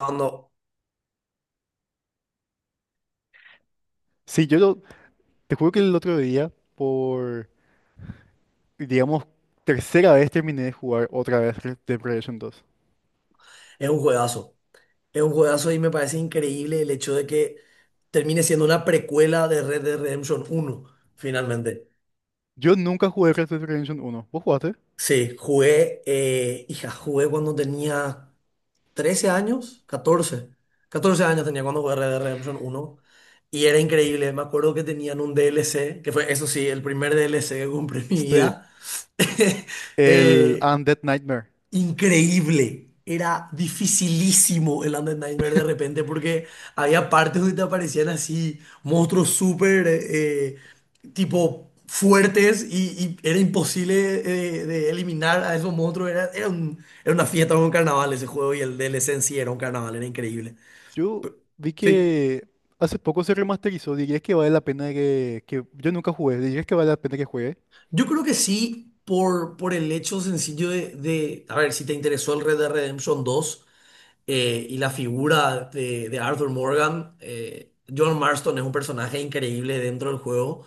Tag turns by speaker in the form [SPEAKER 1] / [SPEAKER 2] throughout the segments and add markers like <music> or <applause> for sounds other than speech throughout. [SPEAKER 1] No,
[SPEAKER 2] Sí, te juro que el otro día, digamos, tercera vez terminé de jugar otra vez Red Dead Redemption 2.
[SPEAKER 1] es un juegazo. Es un juegazo y me parece increíble el hecho de que termine siendo una precuela de Red Dead Redemption 1 finalmente.
[SPEAKER 2] Yo nunca jugué Red Dead Redemption 1. ¿Vos jugaste?
[SPEAKER 1] Sí, jugué, hija, jugué cuando tenía 13 años, catorce años tenía cuando jugué Red Dead Redemption 1 y era increíble. Me acuerdo que tenían un DLC, que fue, eso sí, el primer DLC que compré en mi
[SPEAKER 2] Sí.
[SPEAKER 1] vida. <laughs>
[SPEAKER 2] El
[SPEAKER 1] Eh,
[SPEAKER 2] Undead Nightmare.
[SPEAKER 1] Increíble. Era dificilísimo el Undead Nightmare de repente porque había partes donde te aparecían así monstruos súper tipo fuertes y era imposible de eliminar a esos monstruos. Era una fiesta, era un carnaval ese juego y el DLC en sí era un carnaval, era increíble.
[SPEAKER 2] Yo vi
[SPEAKER 1] Sí.
[SPEAKER 2] que hace poco se remasterizó. ¿Dirías que vale la pena Yo nunca jugué? ¿Dirías que vale la pena que juegue?
[SPEAKER 1] Yo creo que sí, por el hecho sencillo a ver, si te interesó el Red Dead Redemption 2. Y la figura de Arthur Morgan, John Marston es un personaje increíble dentro del juego,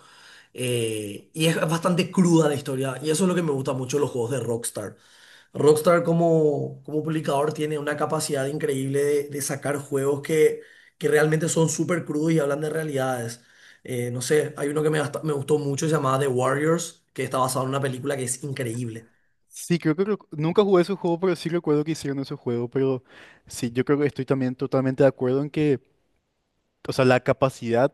[SPEAKER 1] y es bastante cruda la historia y eso es lo que me gusta mucho de los juegos de Rockstar. Rockstar como publicador tiene una capacidad increíble de sacar juegos que realmente son súper crudos y hablan de realidades. No sé, hay uno que me gustó mucho, se llamaba The Warriors, que está basado en una película que es increíble.
[SPEAKER 2] Sí, creo que nunca jugué ese juego, pero sí recuerdo que hicieron ese juego. Pero sí, yo creo que estoy también totalmente de acuerdo en que, o sea, la capacidad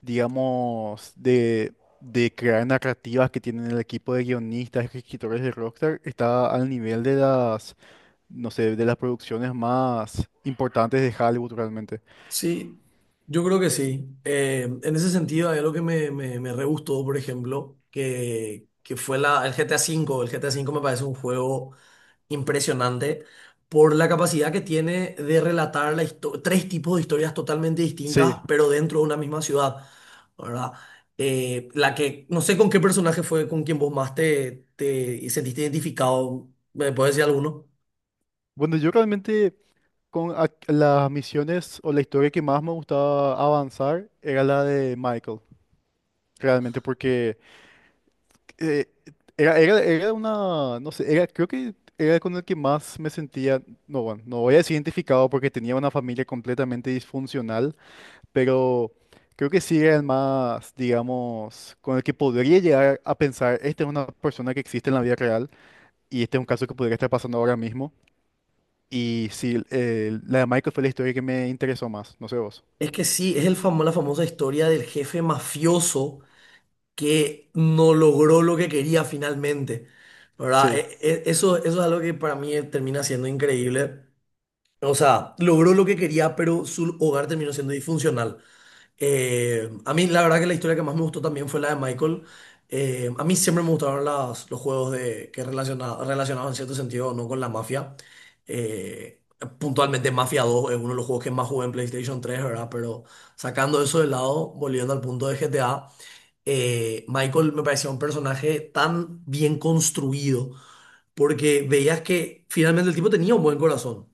[SPEAKER 2] digamos, de crear narrativas que tienen el equipo de guionistas y escritores de Rockstar está al nivel de las, no sé, de las producciones más importantes de Hollywood realmente.
[SPEAKER 1] Sí, yo creo que sí. En ese sentido, hay algo que me re gustó, por ejemplo, que fue el GTA V. El GTA V me parece un juego impresionante por la capacidad que tiene de relatar tres tipos de historias totalmente distintas,
[SPEAKER 2] Sí,
[SPEAKER 1] pero dentro de una misma ciudad, ¿verdad? No sé con qué personaje fue con quien vos más te sentiste identificado, ¿me puedes decir alguno?
[SPEAKER 2] bueno, yo realmente con las misiones o la historia que más me gustaba avanzar era la de Michael, realmente, porque eh, era una, no sé, era, creo que era con el que más me sentía, no, bueno, no voy a decir identificado porque tenía una familia completamente disfuncional, pero creo que sí era el más, digamos, con el que podría llegar a pensar, esta es una persona que existe en la vida real y este es un caso que podría estar pasando ahora mismo. Y sí, la de Michael fue la historia que me interesó más, no sé vos.
[SPEAKER 1] Es que sí, es la famosa historia del jefe mafioso que no logró lo que quería finalmente, ¿verdad?
[SPEAKER 2] Sí,
[SPEAKER 1] Eso es algo que para mí termina siendo increíble. O sea, logró lo que quería, pero su hogar terminó siendo disfuncional. A mí la verdad que la historia que más me gustó también fue la de Michael. A mí siempre me gustaron los juegos relacionados en cierto sentido no con la mafia. Eh, Puntualmente Mafia 2 es uno de los juegos que más jugué en PlayStation 3, ¿verdad? Pero sacando eso de lado, volviendo al punto de GTA, Michael me parecía un personaje tan bien construido, porque veías que finalmente el tipo tenía un buen corazón.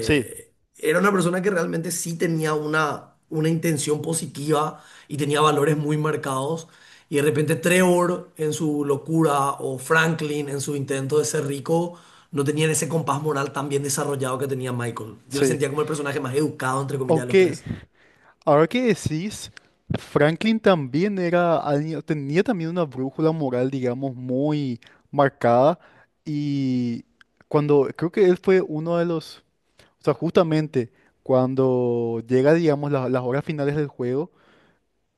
[SPEAKER 2] sí,
[SPEAKER 1] Era una persona que realmente sí tenía una intención positiva y tenía valores muy marcados. Y de repente Trevor en su locura o Franklin en su intento de ser rico no tenían ese compás moral tan bien desarrollado que tenía Michael. Yo le
[SPEAKER 2] sí.
[SPEAKER 1] sentía como el personaje más educado, entre comillas, de los
[SPEAKER 2] Aunque
[SPEAKER 1] tres.
[SPEAKER 2] ahora que decís, Franklin también era alguien- tenía también una brújula moral, digamos, muy marcada y cuando creo que él fue uno de los. O sea, justamente cuando llega, digamos, las horas finales del juego,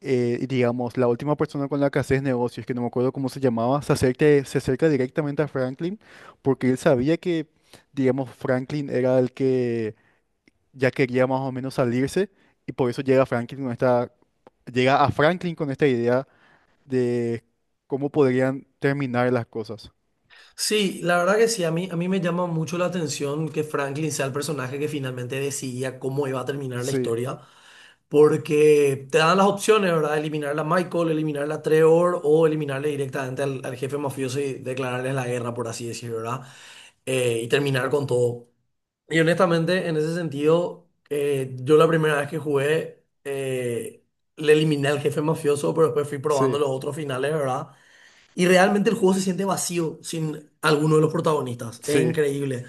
[SPEAKER 2] y, digamos, la última persona con la que haces negocios, que no me acuerdo cómo se llamaba, se acerca directamente a Franklin porque él sabía que, digamos, Franklin era el que ya quería más o menos salirse, y por eso llega Franklin con esta, llega a Franklin con esta idea de cómo podrían terminar las cosas.
[SPEAKER 1] Sí, la verdad que sí, a mí me llama mucho la atención que Franklin sea el personaje que finalmente decidía cómo iba a terminar la
[SPEAKER 2] Sí,
[SPEAKER 1] historia, porque te dan las opciones, ¿verdad? Eliminarla a Michael, eliminarla a Trevor o eliminarle directamente al jefe mafioso y declararles la guerra, por así decirlo, ¿verdad? Y terminar con todo. Y honestamente, en ese sentido, yo la primera vez que jugué, le eliminé al jefe mafioso, pero después fui probando
[SPEAKER 2] sí,
[SPEAKER 1] los otros finales, ¿verdad? Y realmente el juego se siente vacío sin alguno de los protagonistas. Es
[SPEAKER 2] sí,
[SPEAKER 1] increíble.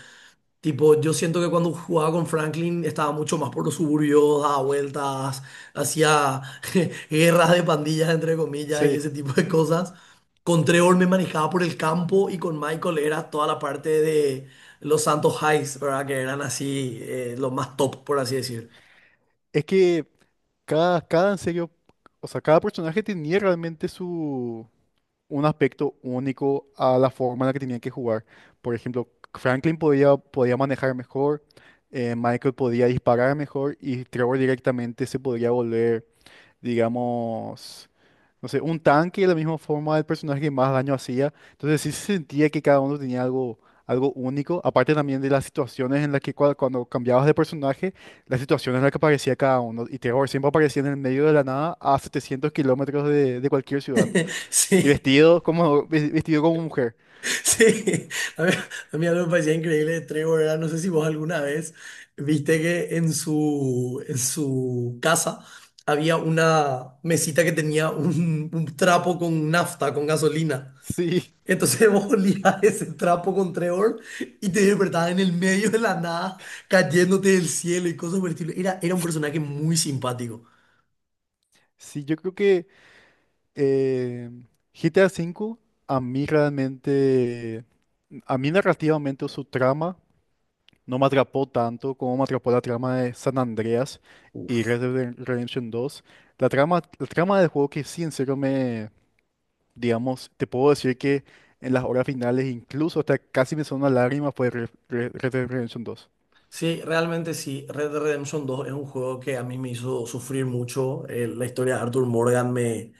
[SPEAKER 1] Tipo, yo siento que cuando jugaba con Franklin estaba mucho más por los suburbios, daba vueltas, hacía <laughs> guerras de pandillas, entre comillas, y
[SPEAKER 2] sí.
[SPEAKER 1] ese tipo de cosas. Con Trevor me manejaba por el campo y con Michael era toda la parte de los Santos Highs, ¿verdad? Que eran así, los más top, por así decir.
[SPEAKER 2] Es que cada en serio, o sea, cada personaje tenía realmente su un aspecto único a la forma en la que tenían que jugar. Por ejemplo, Franklin podía manejar mejor, Michael podía disparar mejor y Trevor directamente se podría volver, digamos, no sé, un tanque de la misma forma del personaje que más daño hacía. Entonces sí se sentía que cada uno tenía algo, algo único, aparte también de las situaciones en las que cuando cambiabas de personaje, las situaciones en las que aparecía cada uno. Y Terror siempre aparecía en el medio de la nada a 700 kilómetros de cualquier ciudad.
[SPEAKER 1] <laughs>
[SPEAKER 2] Y
[SPEAKER 1] Sí.
[SPEAKER 2] vestido como, vestido como mujer. <laughs>
[SPEAKER 1] Sí, a mí, a mí algo me parecía increíble de Trevor era, no sé si vos alguna vez viste que en su casa había una mesita que tenía un trapo con nafta, con gasolina.
[SPEAKER 2] Sí,
[SPEAKER 1] Entonces <laughs> vos olías ese trapo con Trevor y te despertabas en el medio de la nada, cayéndote del cielo y cosas por el estilo. Era un personaje muy simpático.
[SPEAKER 2] sí, yo creo que eh, GTA V a mí realmente, a mí narrativamente o su trama no me atrapó tanto como me atrapó la trama de San Andreas y Red Dead Redemption 2. La trama del juego que sí, en serio me, digamos, te puedo decir que en las horas finales, incluso hasta casi me sonó una lágrima, fue Red Dead Redemption 2.
[SPEAKER 1] Sí, realmente sí. Red Dead Redemption 2 es un juego que a mí me hizo sufrir mucho. La historia de Arthur Morgan me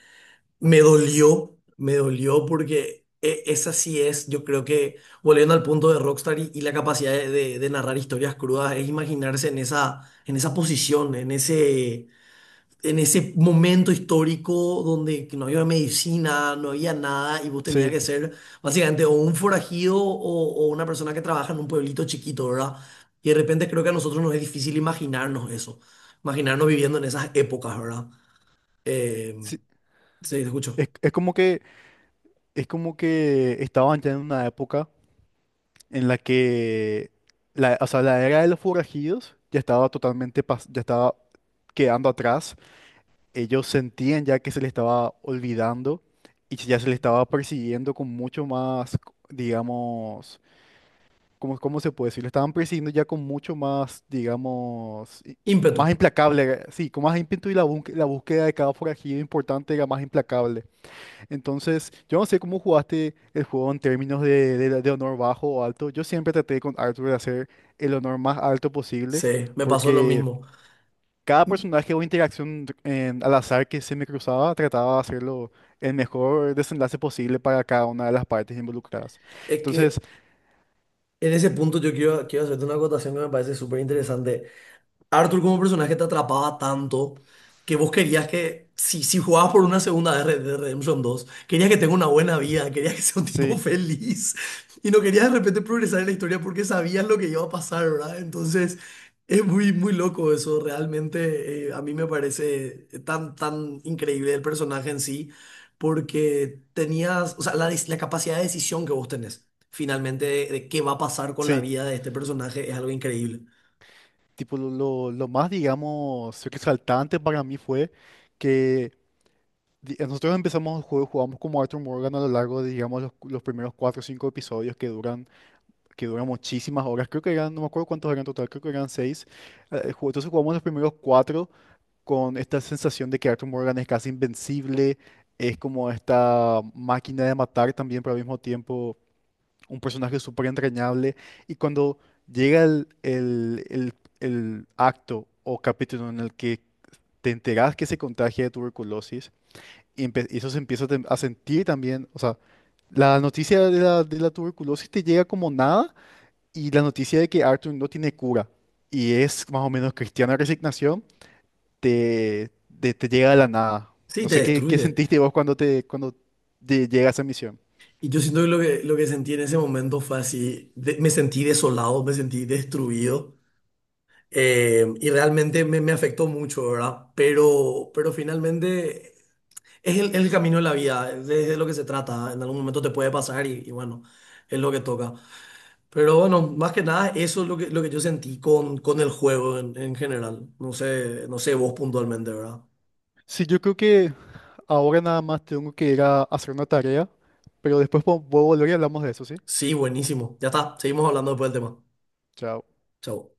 [SPEAKER 1] Me dolió, me dolió porque esa sí es, yo creo que volviendo al punto de Rockstar y la capacidad de narrar historias crudas, es imaginarse en esa, posición, en ese momento histórico donde no había medicina, no había nada y vos tenías
[SPEAKER 2] Sí,
[SPEAKER 1] que ser básicamente o un forajido o una persona que trabaja en un pueblito chiquito, ¿verdad? Y de repente creo que a nosotros nos es difícil imaginarnos eso, imaginarnos viviendo en esas épocas, ¿verdad? Eh,
[SPEAKER 2] sí.
[SPEAKER 1] sí, te escucho.
[SPEAKER 2] Es, es como que, es como que estaban ya en una época en la que la, o sea, la era de los forajidos ya estaba totalmente, ya estaba quedando atrás, ellos sentían ya que se les estaba olvidando y ya se les estaba persiguiendo con mucho más, digamos, ¿cómo, cómo se puede decir? Lo estaban persiguiendo ya con mucho más, digamos,
[SPEAKER 1] Ímpetu.
[SPEAKER 2] más implacable, sí, con más ímpetu y la, la búsqueda de cada forajido importante era más implacable. Entonces, yo no sé cómo jugaste el juego en términos de, de honor bajo o alto. Yo siempre traté con Arthur de hacer el honor más alto posible
[SPEAKER 1] Sí, me pasó lo
[SPEAKER 2] porque...
[SPEAKER 1] mismo.
[SPEAKER 2] Cada personaje o interacción al azar que se me cruzaba trataba de hacerlo el mejor desenlace posible para cada una de las partes involucradas.
[SPEAKER 1] Es
[SPEAKER 2] Entonces,
[SPEAKER 1] que en ese punto yo quiero hacerte una acotación que me parece súper interesante. Arthur como personaje te atrapaba tanto que vos querías que, si jugabas por una segunda vez Red Dead Redemption 2 querías que tenga una buena vida, querías que sea un tipo <laughs>
[SPEAKER 2] sí,
[SPEAKER 1] feliz y no querías de repente progresar en la historia porque sabías lo que iba a pasar, ¿verdad? Entonces es muy, muy loco eso, realmente, a mí me parece tan, tan increíble el personaje en sí porque tenías, o sea, la capacidad de decisión que vos tenés finalmente de qué va a pasar con la
[SPEAKER 2] sí,
[SPEAKER 1] vida de este personaje es algo increíble.
[SPEAKER 2] tipo lo más, digamos, resaltante para mí fue que nosotros empezamos el juego, jugamos como Arthur Morgan a lo largo de, digamos, los primeros 4 o 5 episodios que duran muchísimas horas. Creo que eran, no me acuerdo cuántos eran en total, creo que eran 6. Entonces jugamos los primeros 4, con esta sensación de que Arthur Morgan es casi invencible, es como esta máquina de matar también, pero al mismo tiempo un personaje súper entrañable. Y cuando llega el acto o capítulo en el que te enteras que se contagia de tuberculosis, y eso se empieza a a sentir también, o sea, la noticia de la tuberculosis te llega como nada, y la noticia de que Arthur no tiene cura y es más o menos cristiana resignación te, te llega de la nada.
[SPEAKER 1] Sí,
[SPEAKER 2] No
[SPEAKER 1] te
[SPEAKER 2] sé qué, qué
[SPEAKER 1] destruye.
[SPEAKER 2] sentiste vos cuando te llega esa misión.
[SPEAKER 1] Y yo siento que lo que sentí en ese momento fue así, me sentí desolado, me sentí destruido, y realmente me afectó mucho, ¿verdad? Pero finalmente es el camino de la vida, es de lo que se trata, en algún momento te puede pasar y bueno, es lo que toca. Pero bueno, más que nada eso es lo que yo sentí con el juego en general, no sé vos puntualmente, ¿verdad?
[SPEAKER 2] Sí, yo creo que ahora nada más tengo que ir a hacer una tarea, pero después voy a volver y hablamos de eso, ¿sí?
[SPEAKER 1] Sí, buenísimo, ya está, seguimos hablando después del tema.
[SPEAKER 2] Chao.
[SPEAKER 1] Chau.